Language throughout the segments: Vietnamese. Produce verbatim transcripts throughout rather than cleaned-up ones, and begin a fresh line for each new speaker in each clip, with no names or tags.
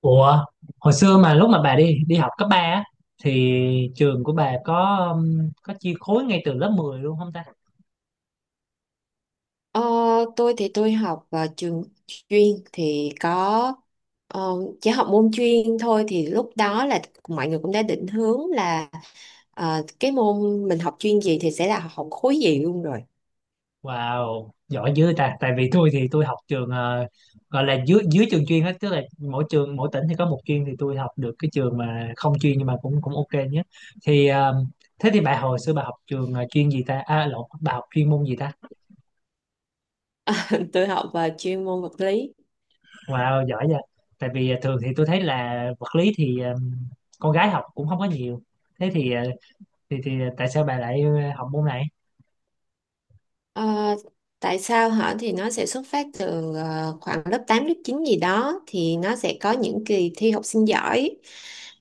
Ủa, hồi xưa mà lúc mà bà đi đi học cấp ba á thì trường của bà có um, có chia khối ngay từ lớp mười luôn không ta?
Ờ, tôi thì tôi học vào trường chuyên thì có, ờ, chỉ học môn chuyên thôi, thì lúc đó là mọi người cũng đã định hướng là, ờ, cái môn mình học chuyên gì thì sẽ là học khối gì luôn rồi.
Wow, giỏi dữ ta. Tại vì tôi thì tôi học trường ờ, gọi là dưới dưới trường chuyên hết, tức là mỗi trường mỗi tỉnh thì có một chuyên thì tôi học được cái trường mà không chuyên nhưng mà cũng cũng ok nhé. Thì ờ, thế thì bà hồi xưa bà học trường ờ, chuyên gì ta? À lộn, bà học chuyên môn gì ta?
Tôi học vào chuyên môn vật lý.
Wow, giỏi vậy. Tại vì ờ, thường thì tôi thấy là vật lý thì ờ, con gái học cũng không có nhiều, thế thì ờ, thì thì tại sao bà lại ờ, học môn này?
Ờ, tại sao hả? Thì nó sẽ xuất phát từ ờ, khoảng lớp tám lớp chín gì đó, thì nó sẽ có những kỳ thi học sinh giỏi.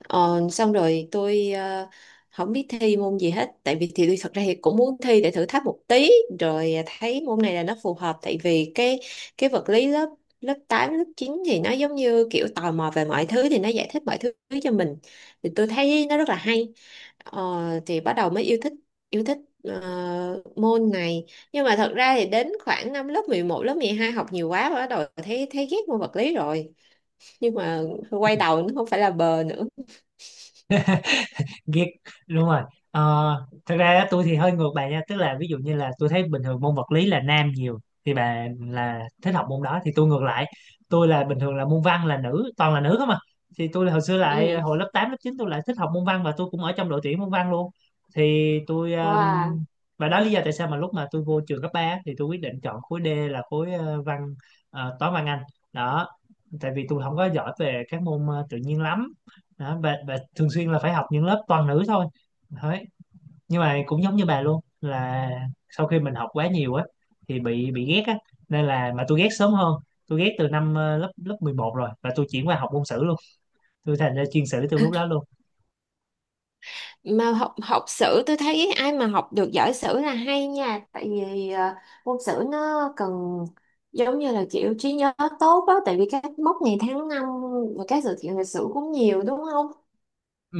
Ờ, xong rồi tôi ờ, không biết thi môn gì hết, tại vì thì tôi thật ra thì cũng muốn thi để thử thách một tí, rồi thấy môn này là nó phù hợp. Tại vì cái cái vật lý lớp lớp tám lớp chín thì nó giống như kiểu tò mò về mọi thứ, thì nó giải thích mọi thứ cho mình, thì tôi thấy nó rất là hay. Ờ, thì bắt đầu mới yêu thích, yêu thích ờ, môn này. Nhưng mà thật ra thì đến khoảng năm lớp mười một lớp mười hai học nhiều quá, bắt đầu thấy thấy ghét môn vật lý rồi, nhưng mà quay đầu nó không phải là bờ nữa.
Ghét, đúng rồi. Ờ, thật ra á, tôi thì hơi ngược bà nha, tức là ví dụ như là tôi thấy bình thường môn vật lý là nam nhiều, thì bà là thích học môn đó thì tôi ngược lại, tôi là bình thường là môn văn là nữ, toàn là nữ không à. Thì tôi hồi xưa lại ờ,
Ừ.
hồi lớp tám lớp chín tôi lại thích học môn văn và tôi cũng ở trong đội tuyển môn văn luôn. Thì tôi um,
Wow.
và đó là lý do tại sao mà lúc mà tôi vô trường cấp ba thì tôi quyết định chọn khối D là khối ờ, văn, ờ, toán văn Anh, đó, tại vì tôi không có giỏi về các môn ờ, tự nhiên lắm. Đó, bà, bà thường xuyên là phải học những lớp toàn nữ thôi đấy. Nhưng mà cũng giống như bà luôn là sau khi mình học quá nhiều á thì bị bị ghét á, nên là mà tôi ghét sớm hơn, tôi ghét từ năm ờ, lớp lớp mười một rồi và tôi chuyển qua học môn sử luôn, tôi thành ra chuyên sử từ lúc đó luôn.
Mà học học sử tôi thấy ai mà học được giỏi sử là hay nha. Tại vì ờ, môn sử nó cần giống như là kiểu trí nhớ tốt á, tại vì các mốc ngày tháng năm và các sự kiện lịch sử cũng nhiều, đúng không?
Ừ,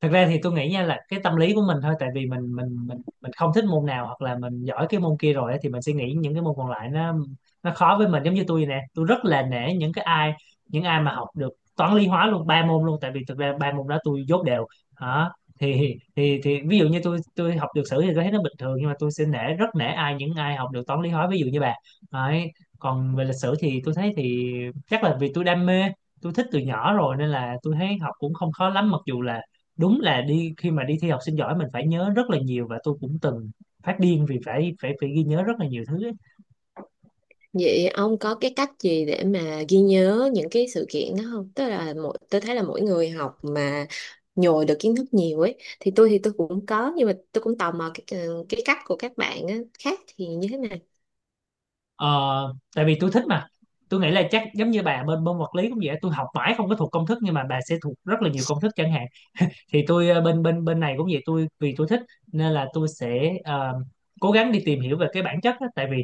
thật ra thì tôi nghĩ nha là cái tâm lý của mình thôi, tại vì mình mình mình mình không thích môn nào hoặc là mình giỏi cái môn kia rồi ấy, thì mình sẽ nghĩ những cái môn còn lại nó nó khó với mình. Giống như tôi vậy nè, tôi rất là nể những cái ai, những ai mà học được toán lý hóa luôn, ba môn luôn, tại vì thực ra ba môn đó tôi dốt đều. Đó, thì thì thì ví dụ như tôi tôi học được sử thì tôi thấy nó bình thường nhưng mà tôi sẽ nể, rất nể ai, những ai học được toán lý hóa, ví dụ như bà. Đấy, còn về lịch sử thì tôi thấy thì chắc là vì tôi đam mê, tôi thích từ nhỏ rồi nên là tôi thấy học cũng không khó lắm, mặc dù là đúng là đi khi mà đi thi học sinh giỏi mình phải nhớ rất là nhiều và tôi cũng từng phát điên vì phải phải phải ghi nhớ rất là nhiều thứ ấy.
Vậy ông có cái cách gì để mà ghi nhớ những cái sự kiện đó không? Tức là mỗi tôi thấy là mỗi người học mà nhồi được kiến thức nhiều ấy, thì tôi thì tôi cũng có, nhưng mà tôi cũng tò mò cái, cái cách của các bạn á, khác thì như thế này.
Ờ, tại vì tôi thích mà, tôi nghĩ là chắc giống như bà bên môn vật lý cũng vậy, tôi học mãi không có thuộc công thức nhưng mà bà sẽ thuộc rất là nhiều công thức chẳng hạn. Thì tôi ờ, bên bên bên này cũng vậy, tôi vì tôi thích nên là tôi sẽ ờ, cố gắng đi tìm hiểu về cái bản chất á. Tại vì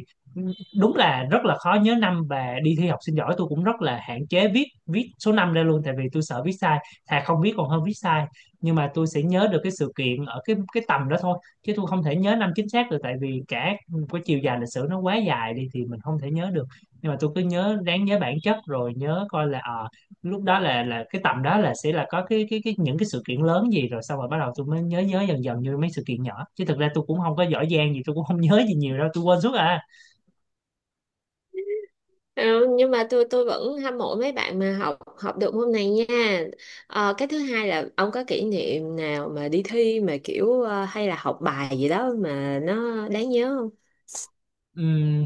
đúng là rất là khó nhớ năm và đi thi học sinh giỏi tôi cũng rất là hạn chế viết viết số năm ra luôn, tại vì tôi sợ viết sai, thà không viết còn hơn viết sai. Nhưng mà tôi sẽ nhớ được cái sự kiện ở cái cái tầm đó thôi chứ tôi không thể nhớ năm chính xác được, tại vì cả cái chiều dài lịch sử nó quá dài đi thì mình không thể nhớ được. Nhưng mà tôi cứ nhớ, ráng nhớ bản chất rồi nhớ coi là ờ lúc đó là là cái tầm đó là sẽ là có cái cái cái những cái sự kiện lớn gì, rồi xong rồi bắt đầu tôi mới nhớ, nhớ dần dần như mấy sự kiện nhỏ, chứ thực ra tôi cũng không có giỏi giang gì, tôi cũng không nhớ gì nhiều đâu, tôi quên suốt à.
Ừ, nhưng mà tôi tôi vẫn hâm mộ mấy bạn mà học học được môn này nha. Ờ, cái thứ hai là ông có kỷ niệm nào mà đi thi mà kiểu ờ, hay là học bài gì đó mà nó đáng nhớ không?
Ừm,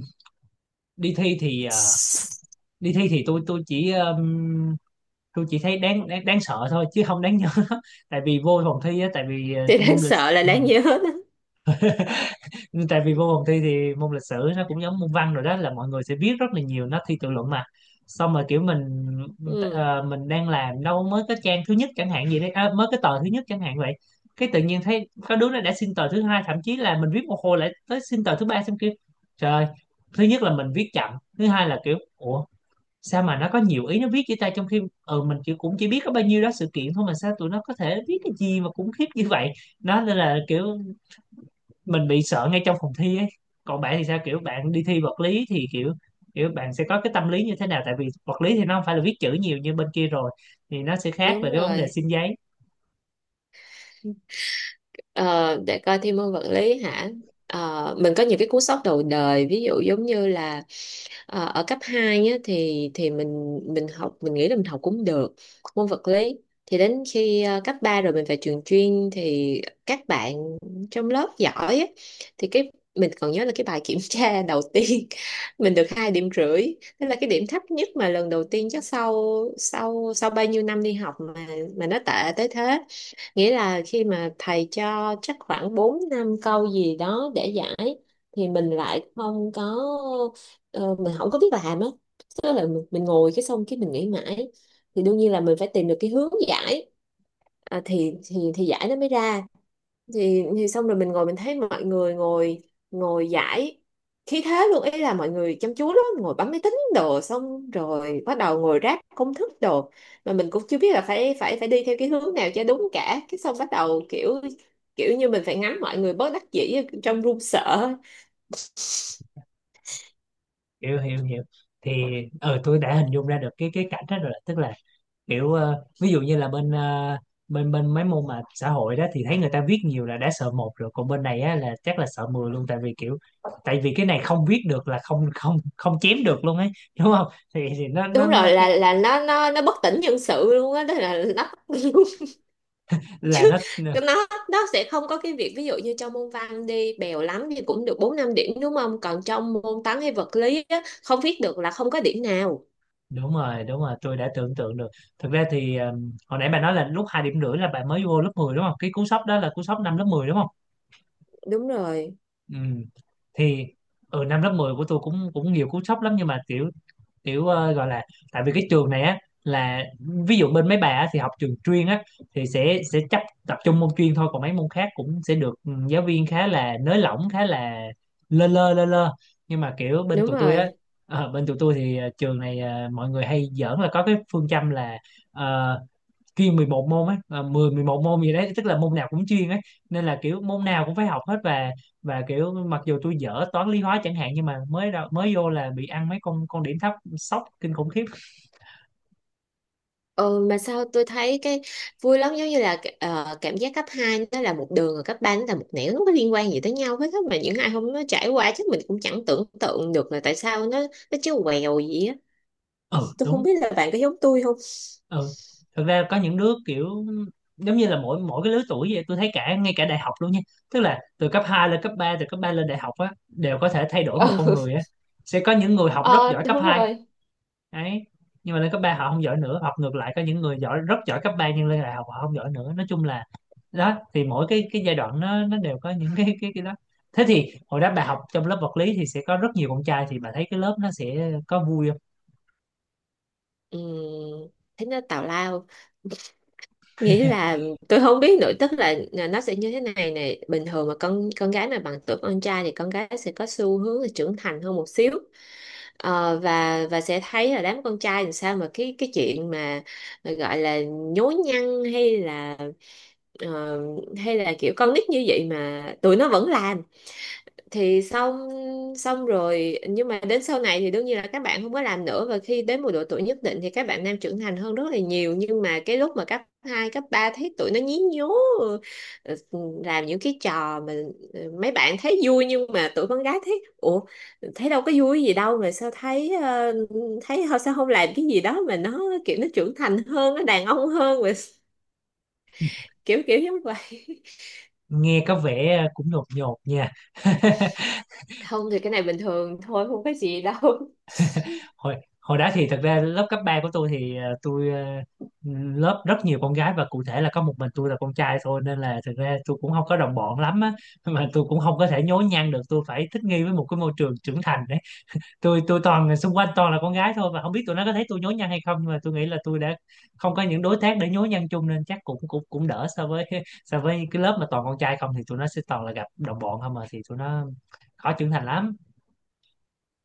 đi thi thì ờ, đi thi thì tôi tôi chỉ ừm, tôi chỉ thấy đáng, đáng đáng sợ thôi chứ không đáng nhớ tại vì vô phòng thi á, tại vì ờ,
Thì đáng
môn lịch.
sợ là đáng nhớ đó.
Nhưng tại vì vô phòng thi thì môn lịch sử nó cũng giống môn văn rồi, đó là mọi người sẽ biết rất là nhiều, nó thi tự luận mà, xong rồi kiểu mình
Ừ,
ờ, mình đang làm đâu mới cái trang thứ nhất chẳng hạn gì đấy, à, mới cái tờ thứ nhất chẳng hạn vậy, cái tự nhiên thấy có đứa nó đã xin tờ thứ hai, thậm chí là mình viết một hồi lại tới xin tờ thứ ba, xong kiểu trời ơi, thứ nhất là mình viết chậm, thứ hai là kiểu ủa sao mà nó có nhiều ý nó viết với ta, trong khi ừ, mình chỉ, cũng chỉ biết có bao nhiêu đó sự kiện thôi mà sao tụi nó có thể viết cái gì mà khủng khiếp như vậy. Nó nên là kiểu mình bị sợ ngay trong phòng thi ấy. Còn bạn thì sao, kiểu bạn đi thi vật lý thì kiểu, kiểu bạn sẽ có cái tâm lý như thế nào, tại vì vật lý thì nó không phải là viết chữ nhiều như bên kia rồi thì nó sẽ khác về
đúng
cái vấn đề
rồi.
xin giấy.
Ờ, để coi, thi môn vật lý hả? Ờ, mình có những cái cú sốc đầu đời, ví dụ giống như là ờ, ở cấp hai á, thì thì mình mình học, mình nghĩ là mình học cũng được môn vật lý, thì đến khi ờ, cấp ba rồi mình phải trường chuyên, thì các bạn trong lớp giỏi á, thì cái mình còn nhớ là cái bài kiểm tra đầu tiên mình được hai điểm rưỡi, tức là cái điểm thấp nhất mà lần đầu tiên, chắc sau sau sau bao nhiêu năm đi học mà mà nó tệ tới thế. Nghĩa là khi mà thầy cho chắc khoảng bốn năm câu gì đó để giải, thì mình lại không có, ờ, mình không có biết làm á. Tức là mình, mình ngồi cái xong cái mình nghĩ mãi, thì đương nhiên là mình phải tìm được cái hướng giải, à, thì thì thì giải nó mới ra. Thì thì xong rồi mình ngồi mình thấy mọi người ngồi, ngồi giải khí thế luôn, ý là mọi người chăm chú lắm, ngồi bấm máy tính đồ, xong rồi bắt đầu ngồi ráp công thức đồ, mà mình cũng chưa biết là phải phải phải đi theo cái hướng nào cho đúng cả, cái xong bắt đầu kiểu, kiểu như mình phải ngắm mọi người bớt đắc dĩ trong run sợ.
Hiểu hiểu hiểu Thì ờ tôi đã hình dung ra được cái cái cảnh đó rồi, tức là kiểu ờ, ví dụ như là bên ờ, bên bên mấy môn mà xã hội đó thì thấy người ta viết nhiều là đã sợ một rồi, còn bên này á là chắc là sợ mười luôn, tại vì kiểu, tại vì cái này không viết được là không không không chém được luôn ấy, đúng không? Thì, thì nó nó
Đúng
nó
rồi, là
cái,
là nó nó nó bất tỉnh nhân sự luôn á, đó là nó.
là
Chứ
nó.
nó nó sẽ không có cái việc ví dụ như trong môn văn đi bèo lắm thì cũng được bốn năm điểm, đúng không? Còn trong môn toán hay vật lý á, không viết được là không có điểm nào.
Đúng rồi, đúng rồi, tôi đã tưởng tượng được. Thực ra thì um, hồi nãy bà nói là lúc hai điểm rưỡi là bà mới vô lớp mười đúng không, cái cú sốc đó là cú sốc năm lớp mười đúng không?
Đúng rồi,
Ừ. Thì ở năm lớp mười của tôi cũng cũng nhiều cú sốc lắm, nhưng mà kiểu, kiểu ờ, gọi là, tại vì cái trường này á là, ví dụ bên mấy bà á, thì học trường chuyên á thì sẽ sẽ chấp, tập trung môn chuyên thôi, còn mấy môn khác cũng sẽ được ừ, giáo viên khá là nới lỏng, khá là lơ lơ lơ lơ. Nhưng mà kiểu bên
đúng
tụi tôi á,
rồi.
ờ, bên tụi tôi thì ờ, trường này ờ, mọi người hay giỡn là có cái phương châm là ờ, chuyên mười một môn ấy, à, mười mười một môn gì đấy, tức là môn nào cũng chuyên ấy, nên là kiểu môn nào cũng phải học hết. Và và kiểu mặc dù tôi dở toán lý hóa chẳng hạn, nhưng mà mới ra- mới vô là bị ăn mấy con con điểm thấp, sốc kinh khủng khiếp.
Ừ, mà sao tôi thấy cái vui lắm, giống như là ờ, cảm giác cấp hai nó là một đường rồi cấp ba nó là một nẻo, nó không có liên quan gì tới nhau hết á. Mà những ai không nó trải qua chắc mình cũng chẳng tưởng tượng được là tại sao nó, nó chứ quèo gì á.
Ừ
Tôi không
đúng.
biết là bạn có giống tôi không.
Ừ, thật ra có những đứa kiểu, giống như là mỗi mỗi cái lứa tuổi vậy, tôi thấy cả ngay cả đại học luôn nha, tức là từ cấp hai lên cấp ba, từ cấp ba lên đại học á đều có thể thay đổi một con
Ừ.
người á. Sẽ có những người học rất
Ờ,
giỏi cấp
đúng
hai
rồi.
đấy, nhưng mà lên cấp ba họ không giỏi nữa, học ngược lại có những người giỏi, rất giỏi cấp ba nhưng lên đại học họ không giỏi nữa, nói chung là đó, thì mỗi cái cái giai đoạn nó nó đều có những cái cái cái đó. Thế thì hồi đó bà học trong lớp vật lý thì sẽ có rất nhiều con trai, thì bà thấy cái lớp nó sẽ có vui không?
Ừ. Thế nó tào lao. Nghĩa là tôi không biết nữa, tức là là nó sẽ như thế này này, bình thường mà con con gái mà bằng tuổi con trai thì con gái sẽ có xu hướng là trưởng thành hơn một xíu. Ờ, và và sẽ thấy là đám con trai làm sao mà cái, cái chuyện mà à, gọi là nhố nhăng, hay là, ờ, hay là kiểu con nít như vậy mà tụi nó vẫn làm. Thì xong, xong rồi nhưng mà đến sau này thì đương nhiên là các bạn không có làm nữa, và khi đến một độ tuổi nhất định thì các bạn nam trưởng thành hơn rất là nhiều. Nhưng mà cái lúc mà cấp hai cấp ba thấy tụi nó nhí nhố, ờ, làm những cái trò mà ờ, mấy bạn thấy vui nhưng mà tụi con gái thấy ủa, thấy đâu có vui gì đâu, mà sao thấy ờ, thấy họ sao không làm cái gì đó mà nó kiểu nó trưởng thành hơn, nó đàn ông hơn, mà kiểu, kiểu giống vậy.
Nghe có vẻ cũng nhột nhột nha
Không thì cái này bình thường thôi, không có gì đâu.
hồi hồi đó thì thật ra lớp cấp ba của tôi thì ờ, tôi ờ, lớp rất nhiều con gái và cụ thể là có một mình tôi là con trai thôi, nên là thực ra tôi cũng không có đồng bọn lắm á mà tôi cũng không có thể nhố nhăng được, tôi phải thích nghi với một cái môi trường trưởng thành đấy. Tôi tôi toàn, xung quanh toàn là con gái thôi và không biết tụi nó có thấy tôi nhố nhăng hay không, nhưng mà tôi nghĩ là tôi đã không có những đối tác để nhố nhăng chung nên chắc cũng cũng cũng đỡ so với so với cái lớp mà toàn con trai không thì tụi nó sẽ toàn là gặp đồng bọn không mà, thì tụi nó khó trưởng thành lắm.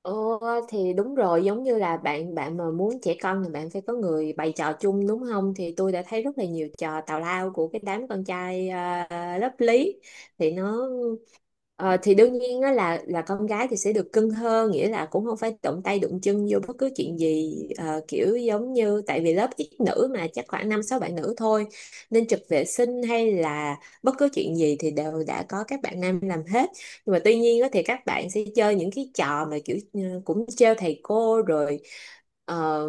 Ồ, thì đúng rồi, giống như là bạn bạn mà muốn trẻ con thì bạn phải có người bày trò chung, đúng không? Thì tôi đã thấy rất là nhiều trò tào lao của cái đám con trai, à, lớp lý. Thì nó, ờ, thì đương nhiên á là là con gái thì sẽ được cưng hơn, nghĩa là cũng không phải động tay đụng chân vô bất cứ chuyện gì, ờ, kiểu giống như tại vì lớp ít nữ mà, chắc khoảng năm sáu bạn nữ thôi, nên trực vệ sinh hay là bất cứ chuyện gì thì đều đã có các bạn nam làm hết. Nhưng mà tuy nhiên á, thì các bạn sẽ chơi những cái trò mà kiểu, ừ, cũng trêu thầy cô rồi, ờ,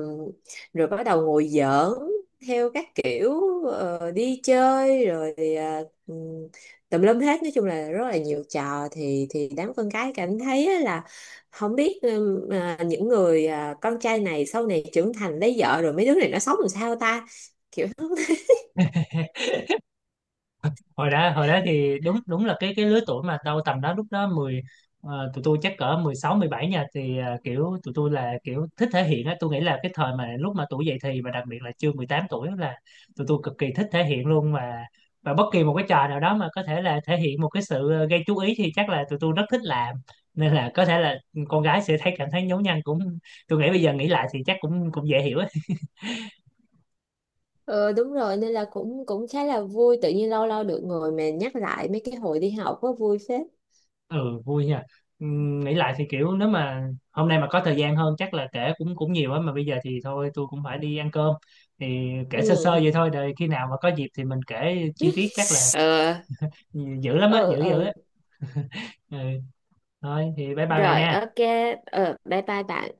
rồi bắt đầu ngồi giỡn theo các kiểu, ờ, đi chơi rồi, ờ, ừ, tùm lum hết. Nói chung là rất là nhiều trò, thì thì đám con cái cảm thấy á là không biết, ừ, à, những người, à, con trai này sau này trưởng thành lấy vợ rồi mấy đứa này nó sống làm sao ta.
hồi đó hồi đó thì đúng đúng là cái cái lứa tuổi mà tao tầm đó lúc đó mười, ờ, tụi tôi chắc cỡ mười sáu mười bảy nha, thì ờ, kiểu tụi tôi là kiểu thích thể hiện á, tôi nghĩ là cái thời mà lúc mà tuổi dậy thì và đặc biệt là chưa mười tám tuổi là tụi tôi cực kỳ thích thể hiện luôn mà. Và bất kỳ một cái trò nào đó mà có thể là thể hiện một cái sự ờ, gây chú ý thì chắc là tụi tôi rất thích làm, nên là có thể là con gái sẽ thấy, cảm thấy nhố nhăng, cũng, tôi nghĩ bây giờ nghĩ lại thì chắc cũng cũng dễ hiểu.
Ờ, đúng rồi, nên là cũng cũng khá là vui, tự nhiên lâu lâu được ngồi mà nhắc lại mấy cái hồi đi học có vui phết.
Ừ vui nha. Ừm, nghĩ lại thì kiểu nếu mà hôm nay mà có thời gian hơn chắc là kể cũng cũng nhiều á, mà bây giờ thì thôi tôi cũng phải đi ăn cơm, thì kể sơ sơ
Ừ.
vậy thôi, rồi khi nào mà có dịp thì mình kể chi tiết chắc là
Ờ.
dữ lắm á,
Ừ,
dữ dữ
ừ.
á. Ừ. Thôi thì bye bye bà
Rồi,
nha.
ok. Ờ, bye bye bạn.